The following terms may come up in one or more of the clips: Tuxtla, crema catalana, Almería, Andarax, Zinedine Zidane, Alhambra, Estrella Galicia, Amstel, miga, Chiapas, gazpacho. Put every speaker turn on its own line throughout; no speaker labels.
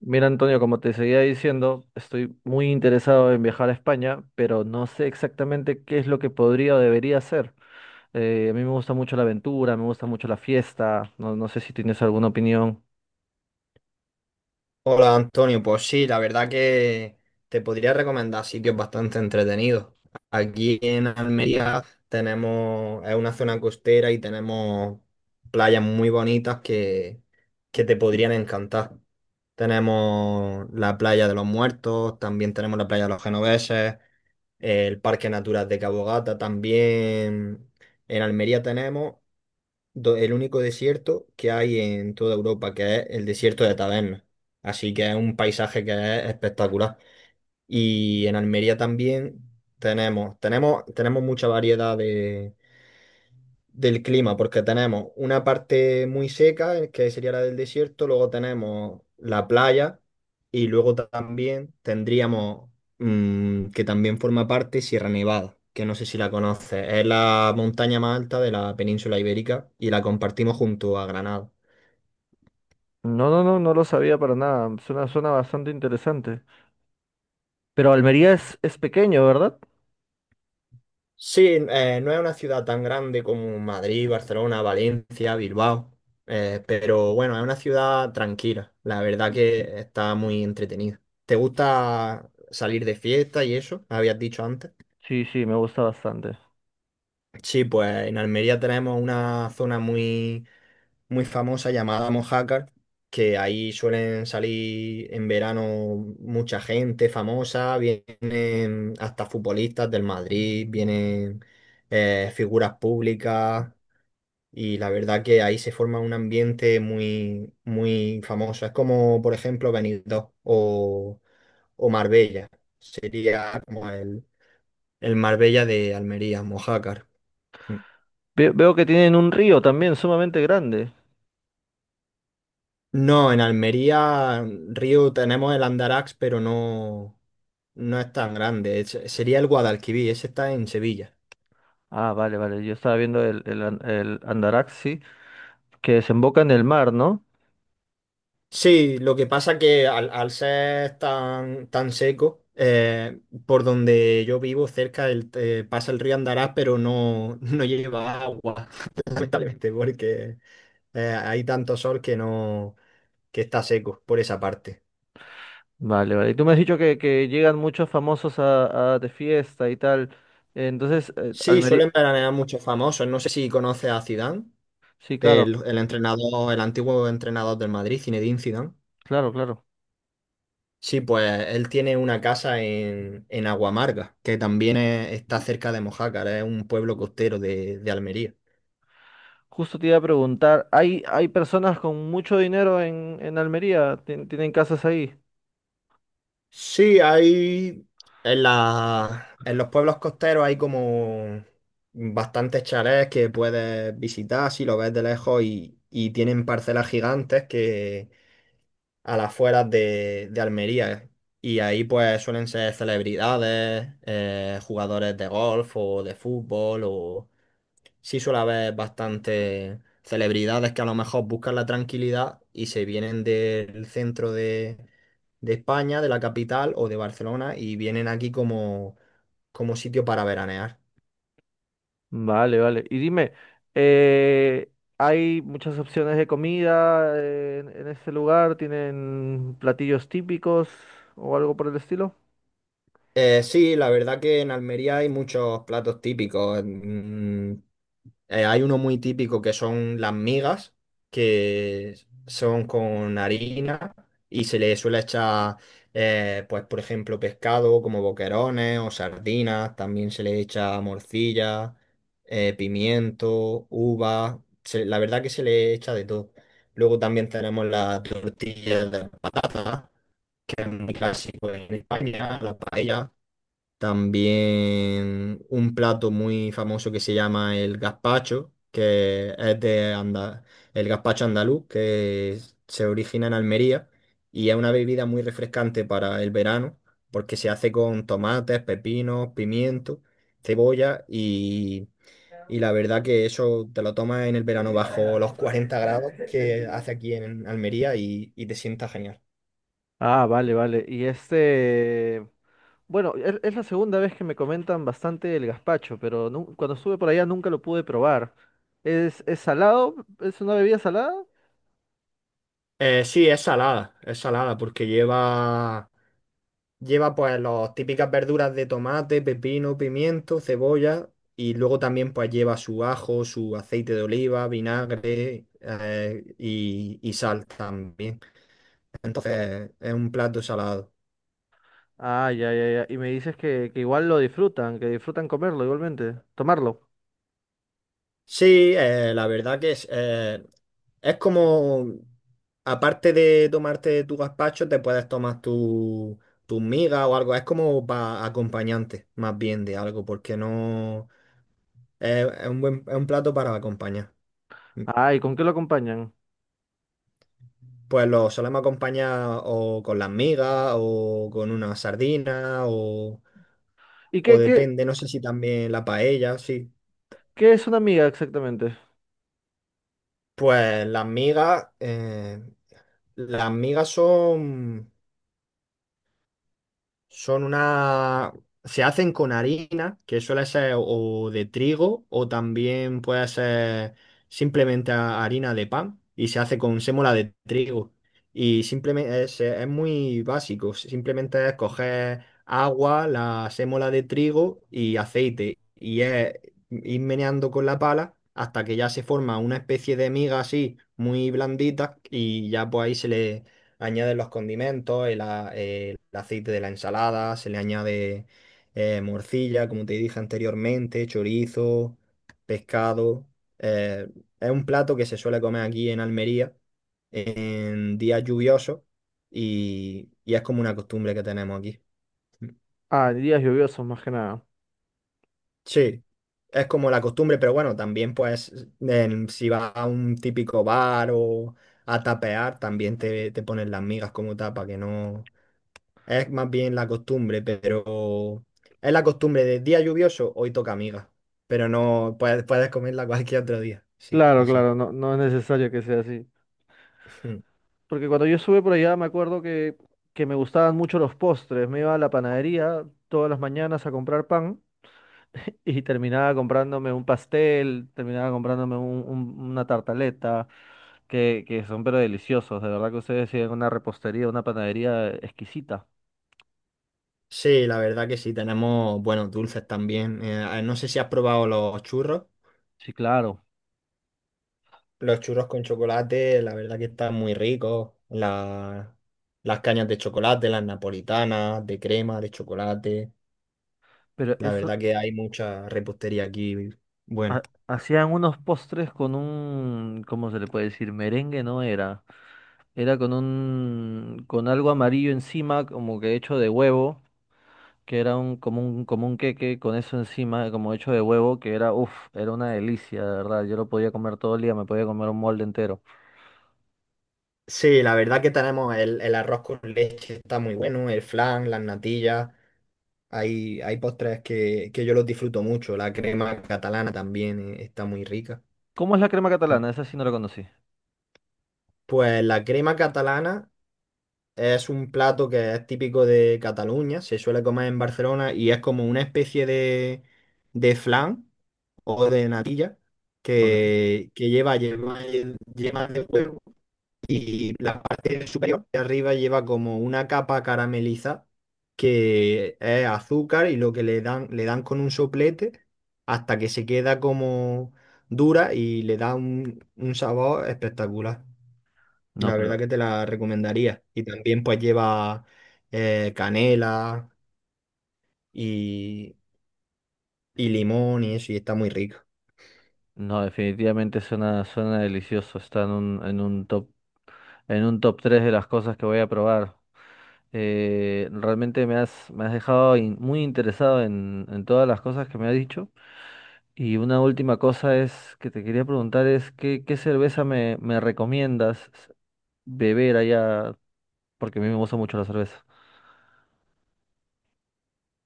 Mira, Antonio, como te seguía diciendo, estoy muy interesado en viajar a España, pero no sé exactamente qué es lo que podría o debería hacer. A mí me gusta mucho la aventura, me gusta mucho la fiesta, no, no sé si tienes alguna opinión.
Hola Antonio, pues sí, la verdad que te podría recomendar sitios bastante entretenidos. Aquí en Almería tenemos, es una zona costera y tenemos playas muy bonitas que te podrían encantar. Tenemos la playa de los Muertos, también tenemos la playa de los Genoveses, el Parque Natural de Cabo Gata, también en Almería tenemos el único desierto que hay en toda Europa, que es el desierto de Tabernas. Así que es un paisaje que es espectacular. Y en Almería también tenemos mucha variedad de, del clima, porque tenemos una parte muy seca, que sería la del desierto, luego tenemos la playa y luego también tendríamos, que también forma parte Sierra Nevada, que no sé si la conoces, es la montaña más alta de la península ibérica y la compartimos junto a Granada.
No, no, no, no lo sabía para nada, suena, suena bastante interesante. Pero Almería es pequeño, ¿verdad?
Sí, no es una ciudad tan grande como Madrid, Barcelona, Valencia, Bilbao, pero bueno, es una ciudad tranquila. La verdad que está muy entretenida. ¿Te gusta salir de fiesta y eso? Habías dicho antes.
Sí, sí, me gusta bastante.
Sí, pues en Almería tenemos una zona muy famosa llamada Mojácar, que ahí suelen salir en verano mucha gente famosa, vienen hasta futbolistas del Madrid, vienen figuras públicas. Y la verdad que ahí se forma un ambiente muy famoso. Es como, por ejemplo, Benidorm o Marbella. Sería como el Marbella de Almería, Mojácar.
Veo que tienen un río también sumamente grande.
No, en Almería, río, tenemos el Andarax, pero no, no es tan grande. Sería el Guadalquivir, ese está en Sevilla.
Ah, vale, vale, yo estaba viendo el Andarax, sí, que desemboca en el mar, ¿no?
Sí, lo que pasa que al ser tan seco, por donde yo vivo cerca pasa el río Andarás, pero no, no lleva agua, lamentablemente, porque hay tanto sol que no, que está seco por esa parte.
Vale, vale. Y tú me has dicho que llegan muchos famosos a de fiesta y tal. Entonces,
Sí,
Almería.
suelen veranear muchos famosos. No sé si conoces a Zidane,
Sí, claro,
el entrenador, el antiguo entrenador del Madrid, Zinedine Zidane.
claro, claro.
Sí, pues él tiene una casa en Aguamarga, que también está cerca de Mojácar, es un pueblo costero de Almería.
Justo te iba a preguntar, ¿hay, hay personas con mucho dinero en Almería? ¿Tienen casas ahí?
Sí, hay en los pueblos costeros hay como bastantes chalets que puedes visitar si lo ves de lejos y tienen parcelas gigantes que a las afueras de Almería. Y ahí pues suelen ser celebridades, jugadores de golf o de fútbol o sí suele haber bastantes celebridades que a lo mejor buscan la tranquilidad y se vienen del centro de España, de la capital o de Barcelona y vienen aquí como, como sitio para veranear.
Vale, vale. Y dime, eh, ¿hay muchas opciones de comida en este lugar? ¿Tienen platillos típicos o algo por el estilo?
Sí, la verdad que en Almería hay muchos platos típicos. Hay uno muy típico que son las migas, que son con harina y se le suele echar, pues por ejemplo, pescado como boquerones o sardinas. También se le echa morcilla, pimiento, uva. La verdad que se le echa de todo. Luego también tenemos las tortillas de patata, que es muy clásico en España, la paella. También un plato muy famoso que se llama el gazpacho, que es de anda el gazpacho andaluz, que se origina en Almería y es una bebida muy refrescante para el verano, porque se hace con tomates, pepinos, pimiento, cebolla y la verdad que eso te lo tomas en el verano bajo los 40 grados que hace aquí en Almería y te sienta genial.
Ah, vale, vale. Y este... Bueno, es la segunda vez que me comentan bastante el gazpacho, pero cuando estuve por allá nunca lo pude probar. Es salado? ¿Es una bebida salada?
Sí, es salada porque lleva. Lleva pues las típicas verduras de tomate, pepino, pimiento, cebolla y luego también pues lleva su ajo, su aceite de oliva, vinagre, y sal también. Entonces es un plato salado.
Ah, ya, ya, ya. Y me dices que igual lo disfrutan, que disfrutan comerlo igualmente, tomarlo.
Sí, la verdad que es como, aparte de tomarte tu gazpacho, te puedes tomar tu, tus migas o algo. Es como para acompañante más bien de algo porque no es un buen, es un plato para acompañar.
Ah, ¿y con qué lo acompañan?
Pues lo solemos acompañar o con las migas o con una sardina
¿Y
o depende, no sé si también la paella, sí.
qué es una miga exactamente?
Pues las migas son. Son una... Se hacen con harina, que suele ser o de trigo o también puede ser simplemente harina de pan y se hace con sémola de trigo. Y simplemente es muy básico, simplemente es coger agua, la sémola de trigo y aceite y es ir meneando con la pala hasta que ya se forma una especie de miga así muy blandita y ya pues ahí añaden los condimentos, el, el aceite de la ensalada, se le añade morcilla, como te dije anteriormente, chorizo, pescado. Eh, es un plato que se suele comer aquí en Almería en días lluviosos y es como una costumbre que tenemos aquí.
Ah, en días lluviosos más que nada.
Sí, es como la costumbre, pero bueno, también pues si vas a un típico bar o a tapear, también te ponen las migas como tapa, que no, es más bien la costumbre, pero es la costumbre de día lluvioso, hoy toca amiga. Pero no puedes, puedes comerla cualquier otro día. Sí,
Claro,
exacto.
claro, no, no es necesario que sea así. Porque cuando yo estuve por allá me acuerdo que me gustaban mucho los postres. Me iba a la panadería todas las mañanas a comprar pan. Y terminaba comprándome un pastel, terminaba comprándome una tartaleta, que son pero deliciosos. De verdad que ustedes tienen una repostería, una panadería exquisita.
Sí, la verdad que sí, tenemos buenos dulces también. No sé si has probado los churros.
Sí, claro.
Los churros con chocolate, la verdad que están muy ricos. Las cañas de chocolate, las napolitanas, de crema, de chocolate.
Pero
La
eso,
verdad que hay mucha repostería aquí. Bueno.
hacían unos postres con un, ¿cómo se le puede decir? Merengue no era. Era con un, con algo amarillo encima, como que hecho de huevo, que era un, como un, como un queque con eso encima, como hecho de huevo, que era, uff, era una delicia, de verdad. Yo lo podía comer todo el día, me podía comer un molde entero.
Sí, la verdad que tenemos el arroz con leche, está muy bueno, el flan, las natillas, hay postres que yo los disfruto mucho, la crema catalana también, está muy rica.
¿Cómo es la crema catalana? Esa sí no la conocí.
Pues la crema catalana es un plato que es típico de Cataluña, se suele comer en Barcelona y es como una especie de flan o de natilla
Ok.
que lleva. Y la parte superior de arriba lleva como una capa carameliza que es azúcar y lo que le dan con un soplete hasta que se queda como dura y le da un sabor espectacular.
No,
La
pero
verdad que te la recomendaría. Y también pues lleva canela y, y limón y eso y está muy rico.
no, definitivamente suena, suena delicioso. Está en un top 3 de las cosas que voy a probar. Realmente me has dejado muy interesado en todas las cosas que me has dicho. Y una última cosa es que te quería preguntar es qué, qué cerveza me, me recomiendas beber allá, porque a mí me gusta mucho la cerveza.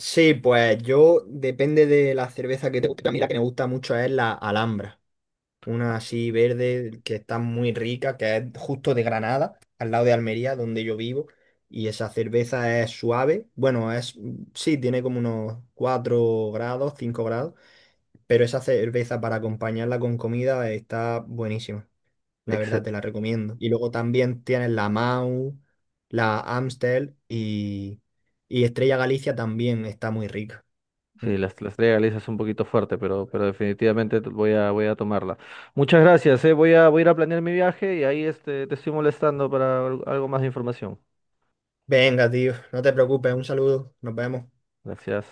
Sí, pues yo depende de la cerveza que te guste. A mí la que me gusta mucho es la Alhambra. Una así verde que está muy rica, que es justo de Granada, al lado de Almería, donde yo vivo, y esa cerveza es suave, bueno, es, sí, tiene como unos 4 grados, 5 grados, pero esa cerveza para acompañarla con comida está buenísima, la verdad te la recomiendo. Y luego también tienes la Mau, la Amstel y Estrella Galicia también está muy rica. Mm.
Sí, la estrella Galicia es un poquito fuerte, pero definitivamente voy a, voy a tomarla. Muchas gracias, eh. Voy a, voy a ir a planear mi viaje y ahí este, te estoy molestando para algo más de información.
Venga, tío, no te preocupes, un saludo, nos vemos.
Gracias.